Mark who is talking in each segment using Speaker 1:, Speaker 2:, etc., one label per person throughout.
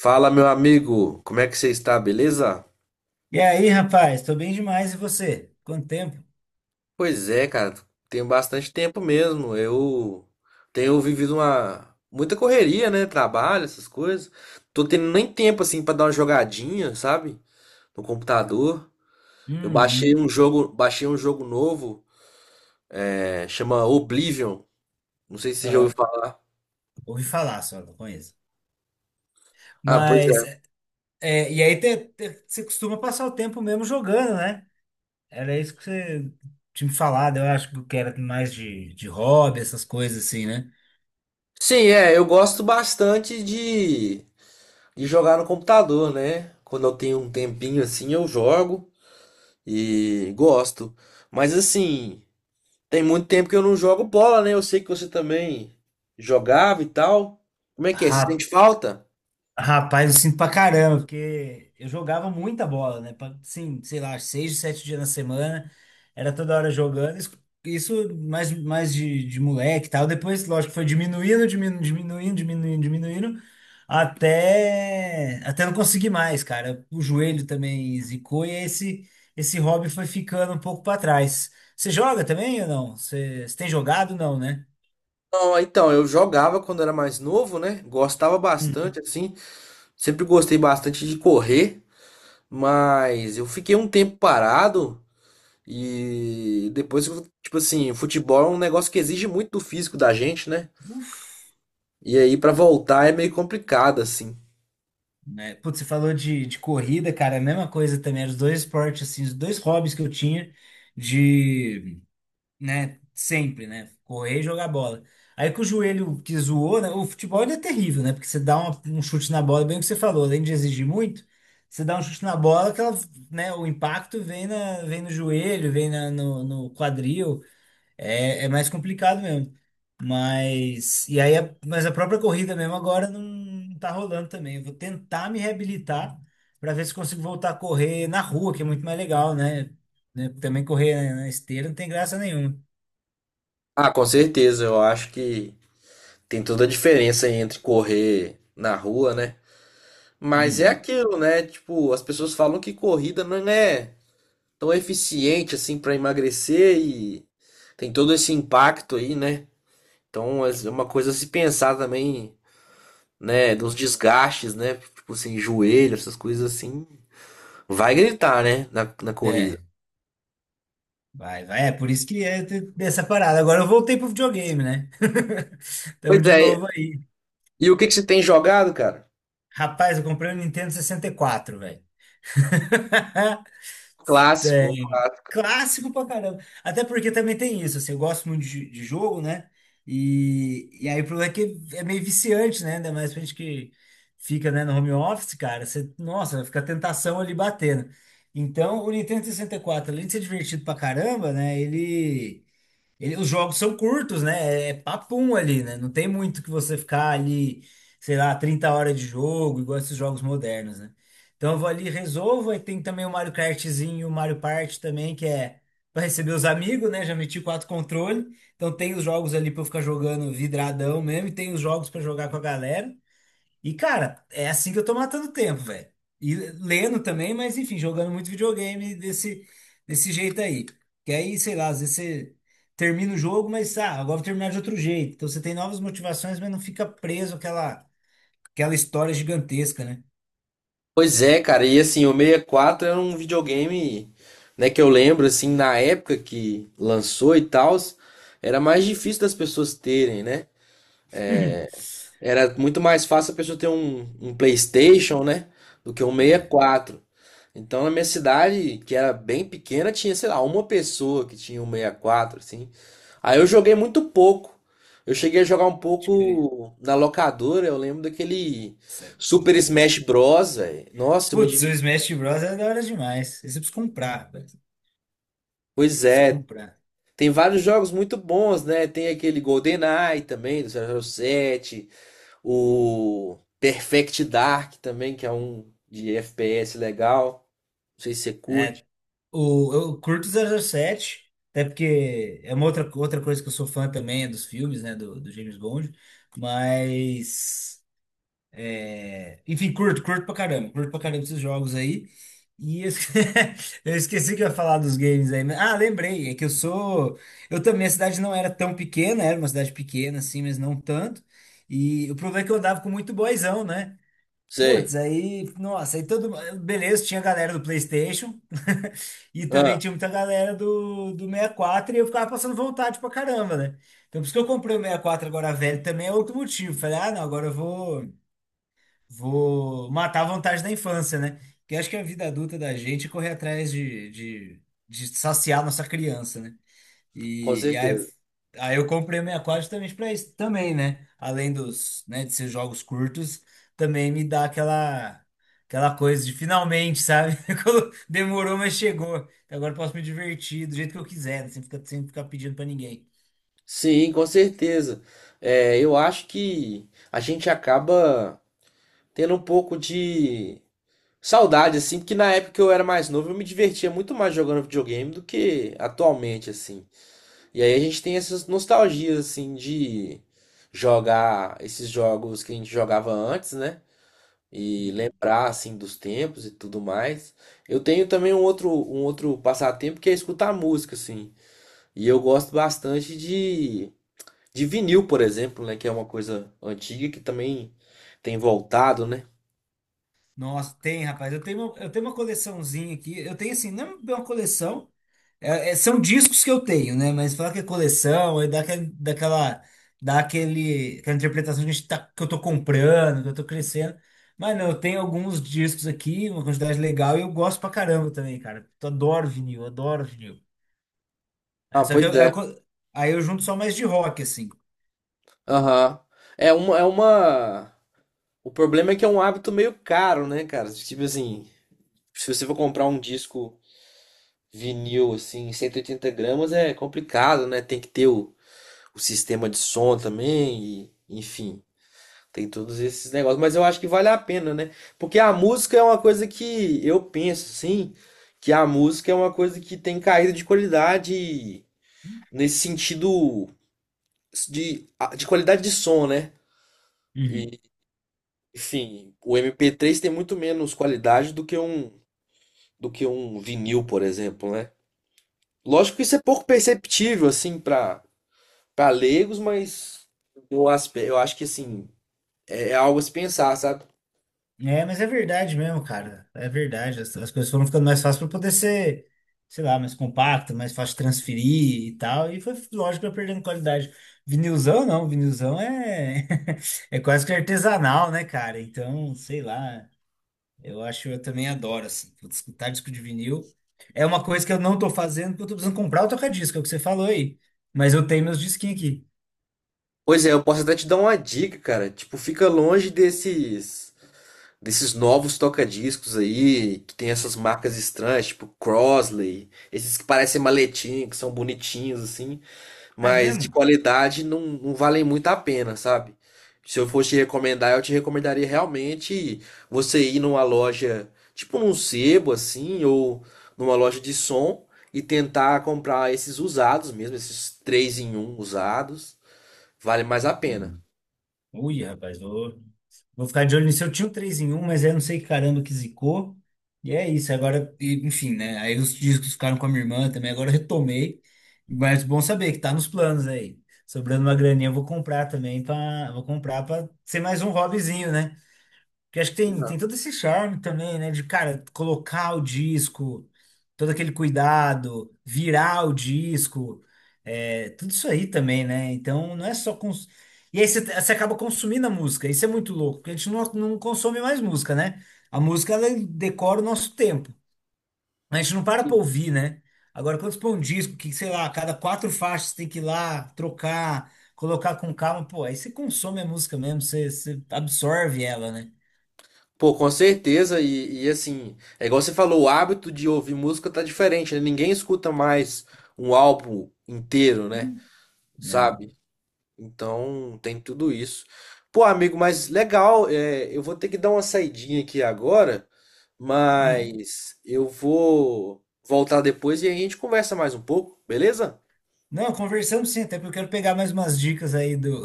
Speaker 1: Fala, meu amigo, como é que você está, beleza?
Speaker 2: E aí, rapaz, tô bem demais, e você? Quanto tempo?
Speaker 1: Pois é, cara, tem bastante tempo mesmo. Eu tenho vivido uma muita correria, né? Trabalho, essas coisas. Tô tendo nem tempo assim pra dar uma jogadinha, sabe? No computador. Eu
Speaker 2: Uhum,
Speaker 1: baixei um jogo novo, chama Oblivion. Não sei se você já ouviu
Speaker 2: aham.
Speaker 1: falar.
Speaker 2: Ouvi falar só, não conheço.
Speaker 1: Ah, pois
Speaker 2: Mas,
Speaker 1: é.
Speaker 2: é, e aí você costuma passar o tempo mesmo jogando, né? Era isso que você tinha me falado, eu acho que era mais de hobby, essas coisas assim, né?
Speaker 1: Sim, eu gosto bastante de jogar no computador, né? Quando eu tenho um tempinho assim, eu jogo. E gosto. Mas assim, tem muito tempo que eu não jogo bola, né? Eu sei que você também jogava e tal. Como é que é? Você sente falta?
Speaker 2: Rapaz, eu sinto pra caramba, porque eu jogava muita bola, né? Pra- Sim, sei lá, seis, sete dias na semana, era toda hora jogando. Isso mais, mais de moleque e tal. Depois, lógico, foi diminuindo, diminuindo, diminuindo, diminuindo, diminuindo, até não conseguir mais, cara. O joelho também zicou e esse hobby foi ficando um pouco pra trás. Você joga também ou não? Você tem jogado? Não, né?
Speaker 1: Não, então, eu jogava quando era mais novo, né? Gostava bastante, assim. Sempre gostei bastante de correr, mas eu fiquei um tempo parado e depois, tipo assim, futebol é um negócio que exige muito do físico da gente, né?
Speaker 2: Uhum.
Speaker 1: E aí, pra voltar é meio complicado, assim.
Speaker 2: Né? Putz, você falou de corrida, cara, a mesma coisa também, eram os dois esportes, assim, os dois hobbies que eu tinha de, né, sempre, né, correr e jogar bola. Aí que o joelho que zoou, né, o futebol ele é terrível, né, porque você dá um chute na bola, bem o que você falou, além de exigir muito, você dá um chute na bola, que ela, né, o impacto vem, na, vem no joelho, vem na- no, no quadril, é, é mais complicado mesmo. Mas, e aí, a- mas a própria corrida mesmo agora não, não tá rolando também. Eu vou tentar me reabilitar para ver se consigo voltar a correr na rua, que é muito mais legal, né? Né? Também correr na esteira não tem graça nenhuma.
Speaker 1: Ah, com certeza, eu acho que tem toda a diferença entre correr na rua, né? Mas é
Speaker 2: Hum,
Speaker 1: aquilo, né? Tipo, as pessoas falam que corrida não é tão eficiente assim para emagrecer e tem todo esse impacto aí, né? Então é uma coisa a se pensar também, né? Dos desgastes, né? Tipo assim, joelho, essas coisas assim. Vai gritar, né? Na corrida.
Speaker 2: é, vai, vai. É por isso que é ter- dessa parada. Agora eu voltei pro videogame, né? Então,
Speaker 1: Pois
Speaker 2: de
Speaker 1: é.
Speaker 2: novo aí.
Speaker 1: E o que que você tem jogado, cara?
Speaker 2: Rapaz, eu comprei o Nintendo 64, velho.
Speaker 1: Clássico.
Speaker 2: Tem. Clássico pra caramba. Até porque também tem isso, assim, eu gosto muito de jogo, né? E aí o problema é que é meio viciante, né? Ainda mais pra gente que fica, né, no home office, cara. Você, nossa, fica a tentação ali batendo. Então, o Nintendo 64, além de ser divertido pra caramba, né? Os jogos são curtos, né? É papum ali, né? Não tem muito que você ficar ali, sei lá, 30 horas de jogo, igual esses jogos modernos, né? Então eu vou ali, resolvo. Aí tem também o Mario Kartzinho, o Mario Party também, que é para receber os amigos, né? Já meti 4 controles. Então tem os jogos ali para eu ficar jogando vidradão mesmo, e tem os jogos para jogar com a galera. E cara, é assim que eu tô matando tempo, velho. E lendo também, mas enfim, jogando muito videogame desse jeito aí. Que aí, sei lá, às vezes você termina o jogo, mas ah, agora vou terminar de outro jeito. Então você tem novas motivações, mas não fica preso àquela aquela história gigantesca, né?
Speaker 1: Pois é, cara, e assim, o 64 era um videogame, né, que eu lembro, assim, na época que lançou e tal, era mais difícil das pessoas terem, né? Era muito mais fácil a pessoa ter um PlayStation, né, do que um sessenta e
Speaker 2: É.
Speaker 1: quatro Então, na minha cidade, que era bem pequena, tinha, sei lá, uma pessoa que tinha um 64 assim. Aí eu joguei muito pouco. Eu cheguei a jogar um
Speaker 2: Pode crer.
Speaker 1: pouco na locadora, eu lembro daquele
Speaker 2: Sério,
Speaker 1: Super
Speaker 2: brincadeira.
Speaker 1: Smash Bros, velho. Nossa, eu me
Speaker 2: Putz, o
Speaker 1: diverti.
Speaker 2: Smash Bros. É da hora demais. Esse eu preciso comprar, velho. Eu
Speaker 1: Pois
Speaker 2: preciso
Speaker 1: é,
Speaker 2: comprar.
Speaker 1: tem vários jogos muito bons, né? Tem aquele GoldenEye também, do 007, o Perfect Dark também, que é um de FPS legal. Não sei se você curte.
Speaker 2: É, o, eu curto 007, até porque é uma outra, outra coisa que eu sou fã também, é dos filmes, né, do, do James Bond. Mas. Enfim, curto, curto pra caramba esses jogos aí. E eu esque- eu esqueci que eu ia falar dos games aí. Mas- ah, lembrei, é que eu sou. Eu também, a cidade não era tão pequena, era uma cidade pequena, assim, mas não tanto. E o problema é que eu andava com muito boyzão, né?
Speaker 1: Sei.
Speaker 2: Putz, aí, nossa, aí todo. Beleza, tinha a galera do PlayStation e também
Speaker 1: Ah,
Speaker 2: tinha muita galera do, do 64 e quatro e eu ficava passando vontade pra caramba, né? Então, por isso que eu comprei o 64 agora velho também é outro motivo. Falei, ah, não, agora eu vou. Vou matar a vontade da infância, né? Que eu acho que a vida adulta da gente é correr atrás de saciar nossa criança, né?
Speaker 1: com
Speaker 2: E, e aí,
Speaker 1: certeza.
Speaker 2: aí eu comprei o 64 justamente pra isso também, né? Além dos, né, de ser jogos curtos, também me dá aquela, aquela coisa de finalmente, sabe? Quando demorou, mas chegou. Agora eu posso me divertir do jeito que eu quiser, né? Sem ficar pedindo pra ninguém.
Speaker 1: Sim, com certeza. É, eu acho que a gente acaba tendo um pouco de saudade, assim, porque na época que eu era mais novo, eu me divertia muito mais jogando videogame do que atualmente, assim. E aí a gente tem essas nostalgias, assim, de jogar esses jogos que a gente jogava antes, né? E
Speaker 2: Uhum.
Speaker 1: lembrar, assim, dos tempos e tudo mais. Eu tenho também um outro passatempo que é escutar música, assim. E eu gosto bastante de vinil, por exemplo, né? Que é uma coisa antiga que também tem voltado, né?
Speaker 2: Nossa, tem, rapaz. Eu tenho uma coleçãozinha aqui. Eu tenho assim, não é uma coleção. É- é- são discos que eu tenho, né? Mas falar que é coleção, aí dá aquele, daquela, dá aquele, aquela interpretação que, a gente tá, que eu tô comprando, que eu tô crescendo. Mas não, eu tenho alguns discos aqui, uma quantidade legal, e eu gosto pra caramba também, cara. Eu adoro vinil, adoro vinil.
Speaker 1: Ah,
Speaker 2: É, só que
Speaker 1: pois
Speaker 2: eu
Speaker 1: é.
Speaker 2: co- aí eu junto só mais de rock, assim.
Speaker 1: Aham. É uma, é uma. O problema é que é um hábito meio caro, né, cara? Tipo assim, se você for comprar um disco vinil assim, 180 gramas é complicado, né? Tem que ter o sistema de som também, e, enfim, tem todos esses negócios. Mas eu acho que vale a pena, né? Porque a música é uma coisa que eu penso, assim, que a música é uma coisa que tem caída de qualidade nesse sentido de, de qualidade de som, né?
Speaker 2: Uhum.
Speaker 1: E, enfim, o MP3 tem muito menos qualidade do que um vinil, por exemplo, né? Lógico que isso é pouco perceptível, assim, para leigos, mas eu acho que assim, é algo a se pensar, sabe?
Speaker 2: É, mas é verdade mesmo, cara. É verdade. As coisas foram ficando mais fáceis para poder ser, sei lá, mais compacto, mais fácil de transferir e tal. E foi, lógico, vai perdendo qualidade. Vinilzão, não. Vinilzão é, é quase que artesanal, né, cara? Então, sei lá. Eu acho, eu também adoro, assim. Putz, escutar disco de vinil é uma coisa que eu não tô fazendo porque eu tô precisando comprar o toca-disco, é o que você falou aí. Mas eu tenho meus disquinhos aqui.
Speaker 1: Pois é, eu posso até te dar uma dica, cara. Tipo, fica longe desses novos toca-discos aí, que tem essas marcas estranhas, tipo Crosley, esses que parecem maletim, que são bonitinhos assim.
Speaker 2: É
Speaker 1: Mas
Speaker 2: mesmo?
Speaker 1: de qualidade não, não valem muito a pena, sabe? Se eu fosse te recomendar, eu te recomendaria realmente você ir numa loja, tipo num sebo assim, ou numa loja de som e tentar comprar esses usados mesmo, esses 3 em 1 usados, vale mais a pena.
Speaker 2: Uhum. Ui, rapaz, vou. Vou ficar de olho nisso. Eu tinha o 3 em um mas aí eu não sei que caramba que zicou. E é isso. Agora, e- enfim, né? Aí os discos ficaram com a minha irmã também. Agora eu retomei. Mas bom saber que tá nos planos aí. Sobrando uma graninha, eu vou comprar também. Pra, vou comprar pra ser mais um hobbyzinho, né? Porque acho que tem, tem todo esse charme também, né? De, cara, colocar o disco, todo aquele cuidado, virar o disco, é, tudo isso aí também, né? Então não é só. Cons... E aí você, você acaba consumindo a música, isso é muito louco, porque a gente não, não consome mais música, né? A música, ela decora o nosso tempo. A gente não para pra
Speaker 1: Sim.
Speaker 2: ouvir, né? Agora, quando você põe um disco que, sei lá, a cada 4 faixas tem que ir lá, trocar, colocar com calma, pô, aí você consome a música mesmo, você, você absorve ela, né?
Speaker 1: Pô, com certeza, e, assim, é igual você falou, o hábito de ouvir música tá diferente, né? Ninguém escuta mais um álbum inteiro, né?
Speaker 2: Hum. Não.
Speaker 1: Sabe? Então, tem tudo isso. Pô, amigo, mas legal, é, eu vou ter que dar uma saidinha aqui agora,
Speaker 2: Hum.
Speaker 1: mas eu vou voltar depois e a gente conversa mais um pouco, beleza?
Speaker 2: Não, conversamos sim, até porque eu quero pegar mais umas dicas aí do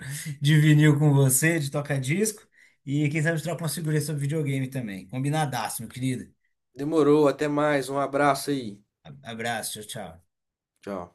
Speaker 2: de vinil com você, de toca-disco. E quem sabe troca uma figurinha sobre videogame também. Combinadaço, meu querido.
Speaker 1: Demorou, até mais, um abraço aí.
Speaker 2: A- Abraço, tchau, tchau.
Speaker 1: Tchau.